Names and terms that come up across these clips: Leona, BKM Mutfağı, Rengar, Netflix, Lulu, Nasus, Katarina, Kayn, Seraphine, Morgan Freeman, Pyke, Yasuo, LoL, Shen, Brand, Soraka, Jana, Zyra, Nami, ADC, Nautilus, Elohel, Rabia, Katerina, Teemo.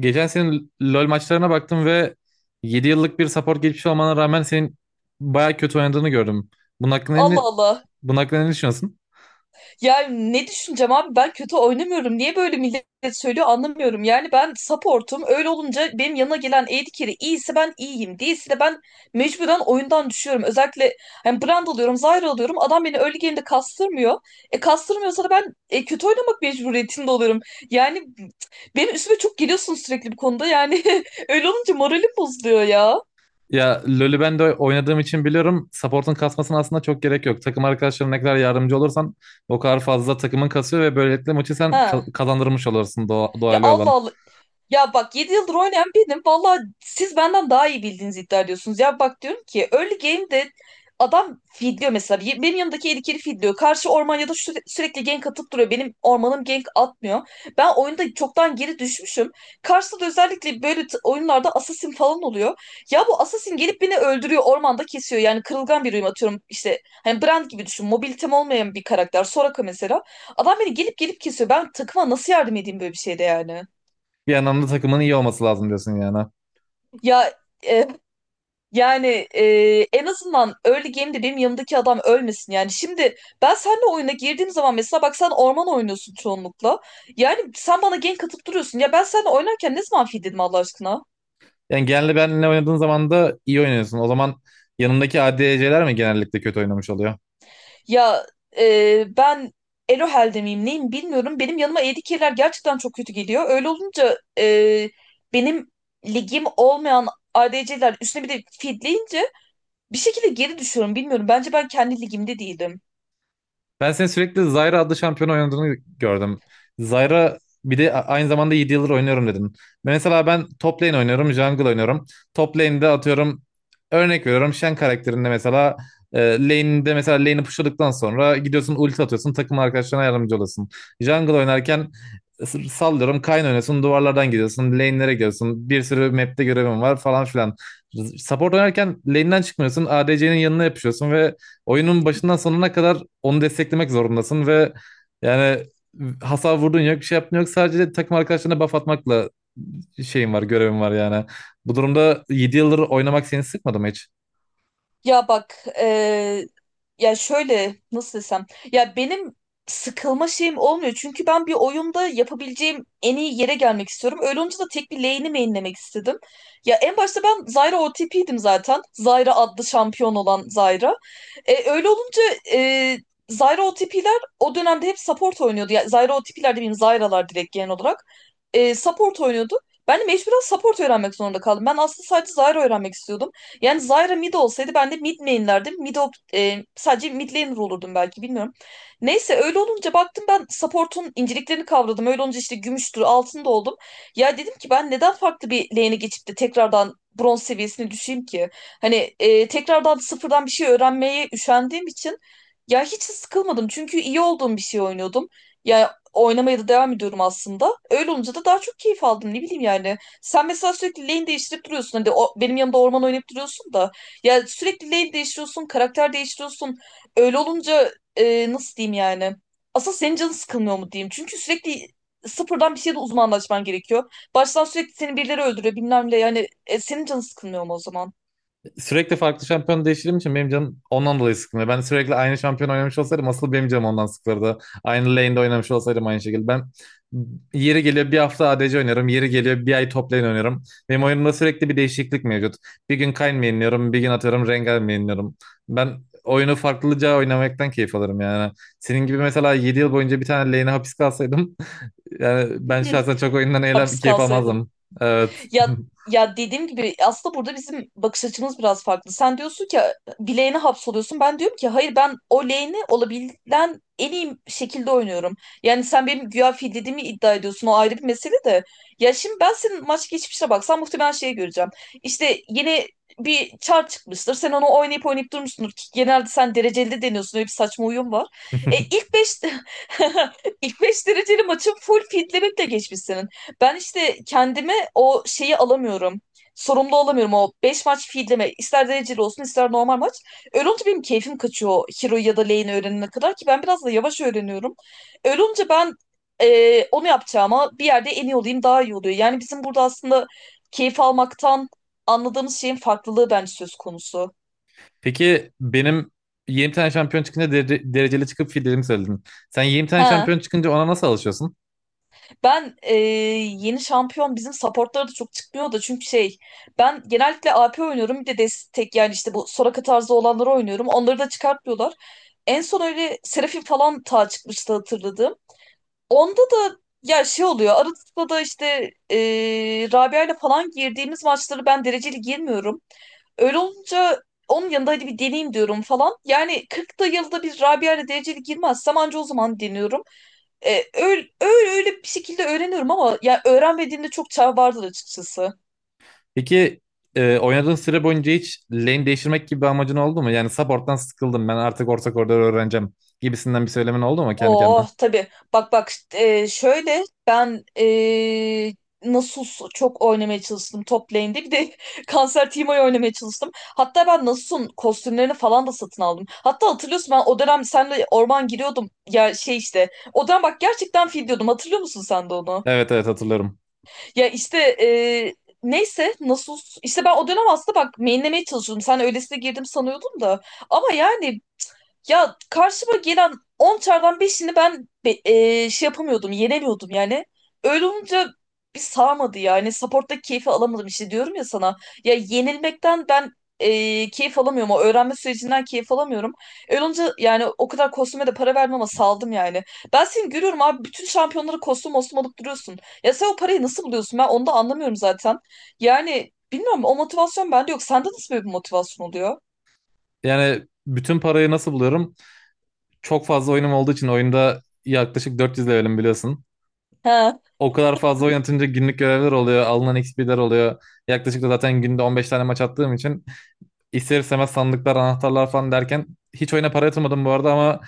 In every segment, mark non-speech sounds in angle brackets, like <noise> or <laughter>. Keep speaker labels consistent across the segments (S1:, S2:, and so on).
S1: Geçen senin LoL maçlarına baktım ve 7 yıllık bir support geçmiş olmana rağmen senin baya kötü oynadığını gördüm. Bunun hakkında
S2: Allah
S1: ne,
S2: Allah.
S1: bunun hakkında ne düşünüyorsun?
S2: Ya ne düşüneceğim abi, ben kötü oynamıyorum. Niye böyle millet söylüyor anlamıyorum. Yani ben support'um. Öyle olunca benim yanına gelen AD carry iyiyse ben iyiyim. Değilse de ben mecburen oyundan düşüyorum. Özellikle hani Brand alıyorum, Zyra alıyorum. Adam beni early game'de kastırmıyor. E kastırmıyorsa da ben kötü oynamak mecburiyetinde oluyorum. Yani benim üstüme çok geliyorsun sürekli bu konuda. Yani <laughs> öyle olunca moralim bozuluyor ya.
S1: Ya LoL'ü ben de oynadığım için biliyorum support'un kasmasına aslında çok gerek yok. Takım arkadaşlarına ne kadar yardımcı olursan o kadar fazla takımın kasıyor ve böylelikle maçı sen
S2: Ha.
S1: kazandırmış olursun
S2: Ya,
S1: doğal
S2: Allah
S1: olan.
S2: Allah. Ya bak, 7 yıldır oynayan benim. Valla siz benden daha iyi bildiğinizi iddia ediyorsunuz. Ya bak, diyorum ki early game'de adam feedliyor mesela. Benim yanımdaki eli kiri feedliyor. Karşı orman ya da sürekli gank atıp duruyor. Benim ormanım gank atmıyor. Ben oyunda çoktan geri düşmüşüm. Karşıda da özellikle böyle oyunlarda assassin falan oluyor. Ya bu assassin gelip beni öldürüyor. Ormanda kesiyor. Yani kırılgan bir uyum atıyorum. İşte hani Brand gibi düşün. Mobilitem olmayan bir karakter. Soraka mesela. Adam beni gelip gelip kesiyor. Ben takıma nasıl yardım edeyim böyle bir şeyde yani?
S1: Bir yandan da takımın iyi olması lazım diyorsun yani.
S2: Ya e, yani e, en azından early game'de benim yanımdaki adam ölmesin yani. Şimdi ben seninle oyuna girdiğim zaman mesela bak, sen orman oynuyorsun çoğunlukla. Yani sen bana gank atıp duruyorsun. Ya ben seninle oynarken ne zaman feed dedim Allah aşkına?
S1: Yani genelde benle oynadığın zaman da iyi oynuyorsun. O zaman yanındaki ADC'ler mi genellikle kötü oynamış oluyor?
S2: Ya ben Elohel'de miyim neyim bilmiyorum. Benim yanıma ADC'ler gerçekten çok kötü geliyor. Öyle olunca benim ligim olmayan ADC'ler üstüne bir de feedleyince bir şekilde geri düşüyorum bilmiyorum. Bence ben kendi ligimde değilim.
S1: Ben senin sürekli Zyra adlı şampiyonu oynadığını gördüm. Zyra bir de aynı zamanda 7 yıldır oynuyorum dedin. Mesela ben top lane oynuyorum, jungle oynuyorum. Top lane'de atıyorum örnek veriyorum Shen karakterinde mesela lane'de mesela lane'i pushladıktan sonra gidiyorsun ulti atıyorsun takım arkadaşlarına yardımcı olasın. Jungle oynarken sallıyorum Kayn oynuyorsun duvarlardan gidiyorsun lane'lere gidiyorsun bir sürü map'te görevim var falan filan. Support oynarken lane'den çıkmıyorsun ADC'nin yanına yapışıyorsun ve oyunun başından sonuna kadar onu desteklemek zorundasın ve yani hasar vurdun yok bir şey yaptın yok sadece takım arkadaşlarına buff atmakla şeyin var görevin var yani. Bu durumda 7 yıldır oynamak seni sıkmadı mı hiç?
S2: Ya bak, ya şöyle, nasıl desem, ya benim sıkılma şeyim olmuyor çünkü ben bir oyunda yapabileceğim en iyi yere gelmek istiyorum. Öyle olunca da tek bir lane'i mainlemek istedim. Ya en başta ben Zyra OTP'ydim zaten. Zyra adlı şampiyon olan Zyra. Öyle olunca e, Zyra OTP'ler o dönemde hep support oynuyordu. Yani Zyra OTP'ler demeyeyim, Zyra'lar direkt genel olarak. Support oynuyordu. Ben de mecburen support öğrenmek zorunda kaldım. Ben aslında sadece Zyra öğrenmek istiyordum. Yani Zyra mid olsaydı ben de mid main'lerdim. Sadece mid laner olurdum belki, bilmiyorum. Neyse, öyle olunca baktım ben support'un inceliklerini kavradım. Öyle olunca işte gümüştür, altın da oldum. Ya dedim ki ben neden farklı bir lane'e geçip de tekrardan bronz seviyesine düşeyim ki? Hani tekrardan sıfırdan bir şey öğrenmeye üşendiğim için ya hiç sıkılmadım. Çünkü iyi olduğum bir şey oynuyordum. Ya oynamaya da devam ediyorum aslında. Öyle olunca da daha çok keyif aldım. Ne bileyim yani. Sen mesela sürekli lane değiştirip duruyorsun. Hani benim yanımda orman oynayıp duruyorsun da. Ya sürekli lane değiştiriyorsun, karakter değiştiriyorsun. Öyle olunca nasıl diyeyim yani? Asıl senin canın sıkılmıyor mu diyeyim. Çünkü sürekli sıfırdan bir şeyde uzmanlaşman gerekiyor. Baştan sürekli seni birileri öldürüyor bilmem ne. Yani senin canın sıkılmıyor mu o zaman?
S1: Sürekli farklı şampiyon değiştirdiğim için benim canım ondan dolayı sıkılıyor. Ben sürekli aynı şampiyon oynamış olsaydım asıl benim canım ondan sıkılırdı. Aynı lane'de oynamış olsaydım aynı şekilde. Ben yeri geliyor bir hafta ADC oynarım. Yeri geliyor bir ay top lane oynarım. Benim oyunumda sürekli bir değişiklik mevcut. Bir gün Kayn mainliyorum, bir gün atıyorum Rengar mainliyorum. Ben oyunu farklıca oynamaktan keyif alırım yani. Senin gibi mesela 7 yıl boyunca bir tane lane'e hapis kalsaydım <laughs> yani ben
S2: <laughs>
S1: şahsen çok oyundan eğlen
S2: Hapis
S1: keyif
S2: kalsaydın.
S1: almazdım. Evet.
S2: Ya ya, dediğim gibi aslında burada bizim bakış açımız biraz farklı. Sen diyorsun ki bir lane'e hapsoluyorsun. Ben diyorum ki hayır, ben o lane'i olabilen en iyi şekilde oynuyorum. Yani sen benim güya fil dediğimi iddia ediyorsun. O ayrı bir mesele de. Ya şimdi ben senin maç geçmişine baksam muhtemelen şeyi göreceğim. İşte yeni bir çar çıkmıştır. Sen onu oynayıp oynayıp durmuşsundur. Ki genelde sen dereceli de deniyorsun. Öyle bir saçma uyum var.
S1: <laughs>
S2: İlk 5 <laughs> ilk 5 dereceli maçın full fitlemekle geçmiş senin. Ben işte kendime o şeyi alamıyorum. Sorumlu olamıyorum o 5 maç feedleme. İster dereceli olsun ister normal maç. Öyle olunca benim keyfim kaçıyor o hero ya da lane öğrenene kadar, ki ben biraz da yavaş öğreniyorum. Öyle olunca ben onu yapacağıma bir yerde en iyi olayım daha iyi oluyor. Yani bizim burada aslında keyif almaktan anladığımız şeyin farklılığı bence söz konusu.
S1: Peki benim 20 tane şampiyon çıkınca dereceli çıkıp fillerimi söyledin. Sen 20 tane
S2: He.
S1: şampiyon çıkınca ona nasıl alışıyorsun?
S2: Ben yeni şampiyon bizim supportlara da çok çıkmıyor da çünkü şey, ben genellikle AP oynuyorum, bir de destek yani, işte bu Soraka tarzı olanları oynuyorum. Onları da çıkartmıyorlar. En son öyle Seraphine falan ta çıkmıştı, hatırladım. Onda da ya şey oluyor arada da işte e, Rabia ile falan girdiğimiz maçları ben dereceli girmiyorum. Öyle olunca onun yanında hadi bir deneyeyim diyorum falan. Yani 40 da yılda bir Rabia ile dereceli girmezsem anca o zaman deniyorum. E, öyle bir şekilde öğreniyorum ama ya öğrenmediğimde çok çağ vardı açıkçası.
S1: Peki oynadığın süre boyunca hiç lane değiştirmek gibi bir amacın oldu mu? Yani support'tan sıkıldım ben artık orta koridoru öğreneceğim gibisinden bir söylemin oldu mu kendi kendine?
S2: Oh tabii. Bak, şöyle ben Nasus çok oynamaya çalıştım top lane'de. Bir de <laughs> Kanser Teemo'yu oynamaya çalıştım. Hatta ben Nasus'un kostümlerini falan da satın aldım. Hatta hatırlıyorsun, ben o dönem senle orman giriyordum. Ya şey işte. O dönem bak gerçekten fil diyordum. Hatırlıyor musun sen de onu?
S1: Evet, evet, hatırlıyorum.
S2: Ya işte neyse, işte ben o dönem aslında bak mainlemeye çalışıyordum. Sen öylesine girdim sanıyordum da. Ama yani ya karşıma gelen 10 çardan 5'ini ben şey yapamıyordum, yenemiyordum yani. Öyle olunca bir sağmadı yani. Support'ta keyfi alamadım işte diyorum ya sana. Ya yenilmekten ben keyif alamıyorum. O öğrenme sürecinden keyif alamıyorum. Öyle olunca yani o kadar kostüme de para vermem ama saldım yani. Ben seni görüyorum abi, bütün şampiyonları kostüm mostum alıp duruyorsun. Ya sen o parayı nasıl buluyorsun? Ben onu da anlamıyorum zaten. Yani bilmiyorum, o motivasyon bende yok. Sende nasıl böyle bir motivasyon oluyor?
S1: Yani bütün parayı nasıl buluyorum? Çok fazla oyunum olduğu için oyunda yaklaşık 400 levelim biliyorsun.
S2: He.
S1: O kadar fazla oynatınca günlük görevler oluyor, alınan XP'ler oluyor. Yaklaşık da zaten günde 15 tane maç attığım için ister istemez sandıklar, anahtarlar falan derken hiç oyuna para yatırmadım bu arada ama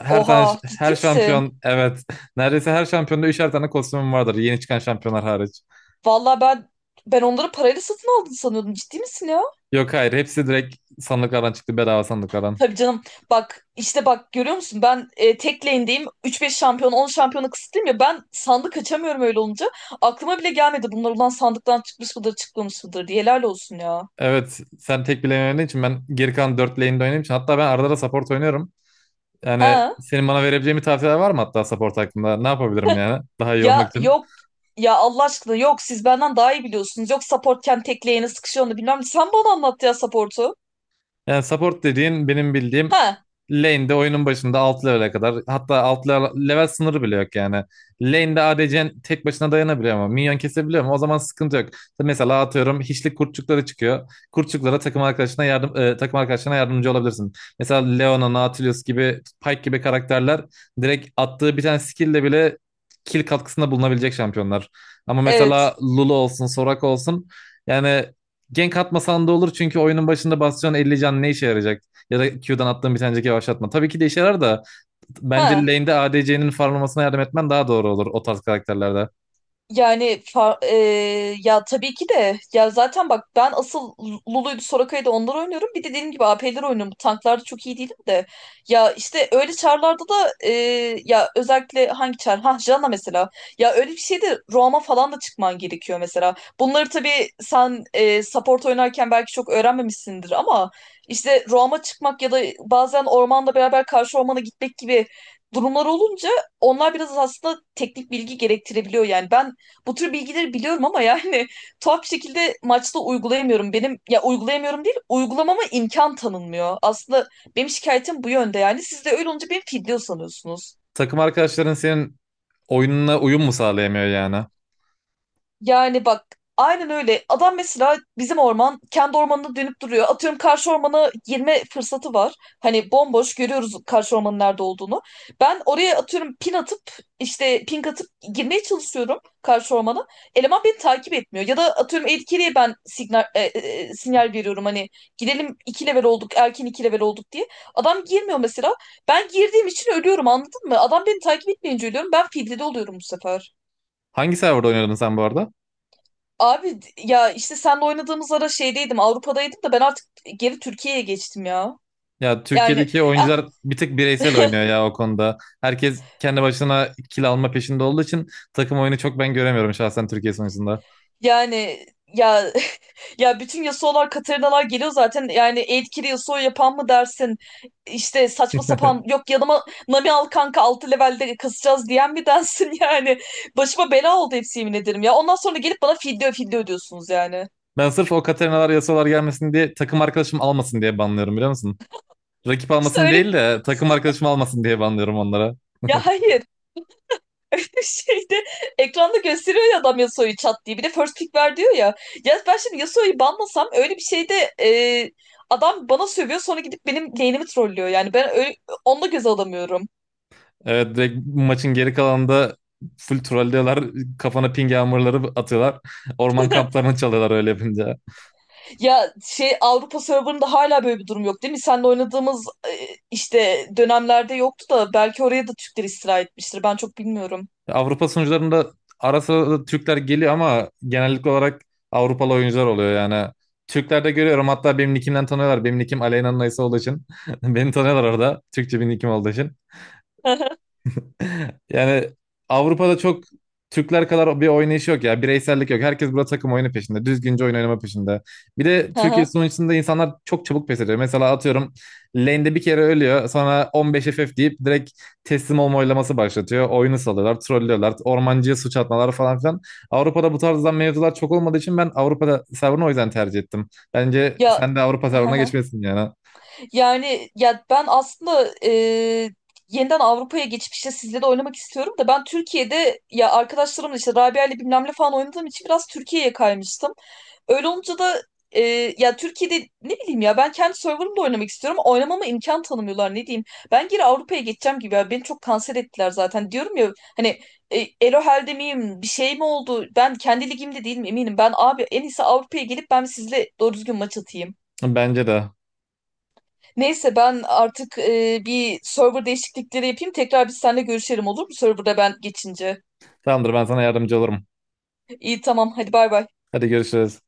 S1: her
S2: Oha,
S1: tane
S2: ciddi
S1: her
S2: misin?
S1: şampiyon, evet, <laughs> neredeyse her şampiyonda üçer tane kostümüm vardır yeni çıkan şampiyonlar hariç.
S2: Vallahi ben, onları parayla satın aldın sanıyordum. Ciddi misin ya?
S1: Yok, hayır, hepsi direkt sandıklardan çıktı, bedava sandıklardan.
S2: Tabii canım. Bak işte, bak görüyor musun? Ben tek lane'deyim. 3-5 şampiyon 10 şampiyona kısıtlıyım ya. Ben sandık açamıyorum öyle olunca. Aklıma bile gelmedi bunlar ulan sandıktan çıkmış mıdır çıkmamış mıdır diye. Helal olsun ya.
S1: Evet, sen tek bile oynadığın için ben geri kalan 4 lane'de oynadığım için hatta ben arada da support oynuyorum. Yani
S2: Ha.
S1: senin bana verebileceğin bir tavsiyeler var mı hatta support hakkında? Ne yapabilirim yani daha iyi olmak
S2: Ya
S1: için?
S2: yok. Ya Allah aşkına yok, siz benden daha iyi biliyorsunuz. Yok supportken tek lane'e sıkışıyor, onu bilmem. Sen bana anlat ya support'u.
S1: Yani support dediğin benim bildiğim
S2: Ha,
S1: lane'de oyunun başında alt level'e kadar hatta alt level, level sınırı bile yok yani. Lane'de ADC'nin tek başına dayanabiliyor ama minyon kesebiliyor ama o zaman sıkıntı yok. Mesela atıyorum hiçlik kurtçukları çıkıyor. Kurtçuklara takım arkadaşına yardımcı olabilirsin. Mesela Leona, Nautilus gibi, Pyke gibi karakterler direkt attığı bir tane skill'le bile kill katkısında bulunabilecek şampiyonlar. Ama mesela
S2: evet.
S1: Lulu olsun, Soraka olsun, yani gank atmasan da olur çünkü oyunun başında basacağın 50 can ne işe yarayacak? Ya da Q'dan attığın bir tanecik yavaşlatma. Tabii ki de işe yarar da bence
S2: Ha.
S1: lane'de ADC'nin farmlamasına yardım etmen daha doğru olur o tarz karakterlerde.
S2: Yani ya tabii ki de, ya zaten bak ben asıl Lulu'ydu Soraka'ydı onları oynuyorum. Bir de dediğim gibi AP'leri oynuyorum. Bu Tanklarda çok iyi değilim de. Ya işte öyle çarlarda da ya özellikle hangi çar? Ha, Jana mesela. Ya öyle bir şeyde Roam'a falan da çıkman gerekiyor mesela. Bunları tabii sen support oynarken belki çok öğrenmemişsindir ama işte Roam'a çıkmak ya da bazen ormanda beraber karşı ormana gitmek gibi durumlar olunca onlar biraz aslında teknik bilgi gerektirebiliyor yani. Ben bu tür bilgileri biliyorum ama yani <laughs> tuhaf bir şekilde maçta uygulayamıyorum. Benim ya uygulayamıyorum değil, uygulamama imkan tanınmıyor. Aslında benim şikayetim bu yönde yani. Siz de öyle olunca beni fidye sanıyorsunuz.
S1: Takım arkadaşların senin oyununa uyum mu sağlayamıyor yani?
S2: Yani bak, aynen öyle. Adam mesela bizim orman kendi ormanına dönüp duruyor. Atıyorum karşı ormana girme fırsatı var. Hani bomboş görüyoruz karşı ormanın nerede olduğunu. Ben oraya atıyorum ping atıp girmeye çalışıyorum karşı ormana. Eleman beni takip etmiyor. Ya da atıyorum etkiliye ben signal, e, e, e, sinyal veriyorum hani gidelim, iki level olduk, erken iki level olduk diye. Adam girmiyor mesela. Ben girdiğim için ölüyorum, anladın mı? Adam beni takip etmeyince ölüyorum. Ben filtrede oluyorum bu sefer.
S1: Hangi serverda oynuyordun sen bu arada?
S2: Abi ya işte senle oynadığımız ara şeydeydim, Avrupa'daydım da, ben artık geri Türkiye'ye geçtim ya.
S1: Ya
S2: Yani
S1: Türkiye'deki oyuncular
S2: <laughs>
S1: bir tık bireysel oynuyor ya o konuda. Herkes kendi başına kill alma peşinde olduğu için takım oyunu çok ben göremiyorum şahsen Türkiye sonucunda.
S2: yani ya <laughs> ya bütün Yasuo'lar Katarina'lar geliyor zaten, yani etkili Yasuo yapan mı dersin, işte saçma sapan
S1: <laughs>
S2: yok yanıma Nami al kanka 6 levelde kasacağız diyen mi dersin <laughs> yani başıma bela oldu hepsi, yemin ederim ya, ondan sonra gelip bana fidye ödüyorsunuz yani.
S1: Ben sırf o Katerinalar, yasalar gelmesin diye, takım arkadaşım almasın diye banlıyorum, biliyor musun? Rakip
S2: İşte
S1: almasın
S2: öyle
S1: değil de takım arkadaşım almasın diye banlıyorum onlara. <laughs>
S2: <laughs> ya hayır <laughs> Şeyde ekranda gösteriyor ya adam Yasuo'yu çat diye. Bir de first pick ver diyor ya. Ya ben şimdi Yasuo'yu banlasam öyle bir şeyde adam bana sövüyor, sonra gidip benim lane'imi trollüyor. Yani ben öyle, onu da göze alamıyorum.
S1: Evet, direkt maçın geri kalanında full trollüyorlar. Kafana ping yağmurları atıyorlar. <laughs> Orman
S2: <laughs>
S1: kamplarını çalıyorlar öyle yapınca.
S2: Ya şey, Avrupa serverında hala böyle bir durum yok değil mi? Seninle oynadığımız işte dönemlerde yoktu da, belki oraya da Türkler istila etmiştir. Ben çok bilmiyorum.
S1: Avrupa sunucularında ara sıra da Türkler geliyor ama genellik olarak Avrupalı oyuncular oluyor yani. Türklerde görüyorum hatta benim nickimden tanıyorlar. Benim nickim Aleyna'nın Aysa olduğu için. <laughs> Beni tanıyorlar orada. Türkçe bir nickim olduğu için.
S2: <laughs> Hı
S1: Yani Avrupa'da çok Türkler kadar bir oynayış yok ya. Bireysellik yok. Herkes burada takım oyunu peşinde. Düzgünce oyun oynama peşinde. Bir de Türkiye
S2: hı.
S1: sunucusunda insanlar çok çabuk pes ediyor. Mesela atıyorum lane'de bir kere ölüyor. Sonra 15 FF deyip direkt teslim olma oylaması başlatıyor. Oyunu salıyorlar, trollüyorlar. Ormancıya suç atmalar falan filan. Avrupa'da bu tarzdan mevzular çok olmadığı için ben Avrupa'da serverını o yüzden tercih ettim. Bence
S2: Ya
S1: sen de Avrupa serverına
S2: <laughs>
S1: geçmesin yani.
S2: yani ya ben aslında yeniden Avrupa'ya geçip işte sizle de oynamak istiyorum da, ben Türkiye'de ya arkadaşlarımla işte Rabia'yla bilmem ne falan oynadığım için biraz Türkiye'ye kaymıştım. Öyle olunca da e, ya Türkiye'de, ne bileyim ya, ben kendi serverımda oynamak istiyorum, ama oynamama imkan tanımıyorlar, ne diyeyim. Ben geri Avrupa'ya geçeceğim gibi ya, beni çok kanser ettiler zaten. Diyorum ya hani Elohel'de miyim, bir şey mi oldu? Ben kendi ligimde değilim eminim. Ben abi en iyisi Avrupa'ya gelip ben sizle doğru düzgün maç atayım.
S1: Bence de.
S2: Neyse, ben artık bir server değişiklikleri yapayım. Tekrar biz seninle görüşelim olur mu? Serverda ben geçince.
S1: Tamamdır, ben sana yardımcı olurum.
S2: İyi, tamam, hadi bay bay.
S1: Hadi görüşürüz.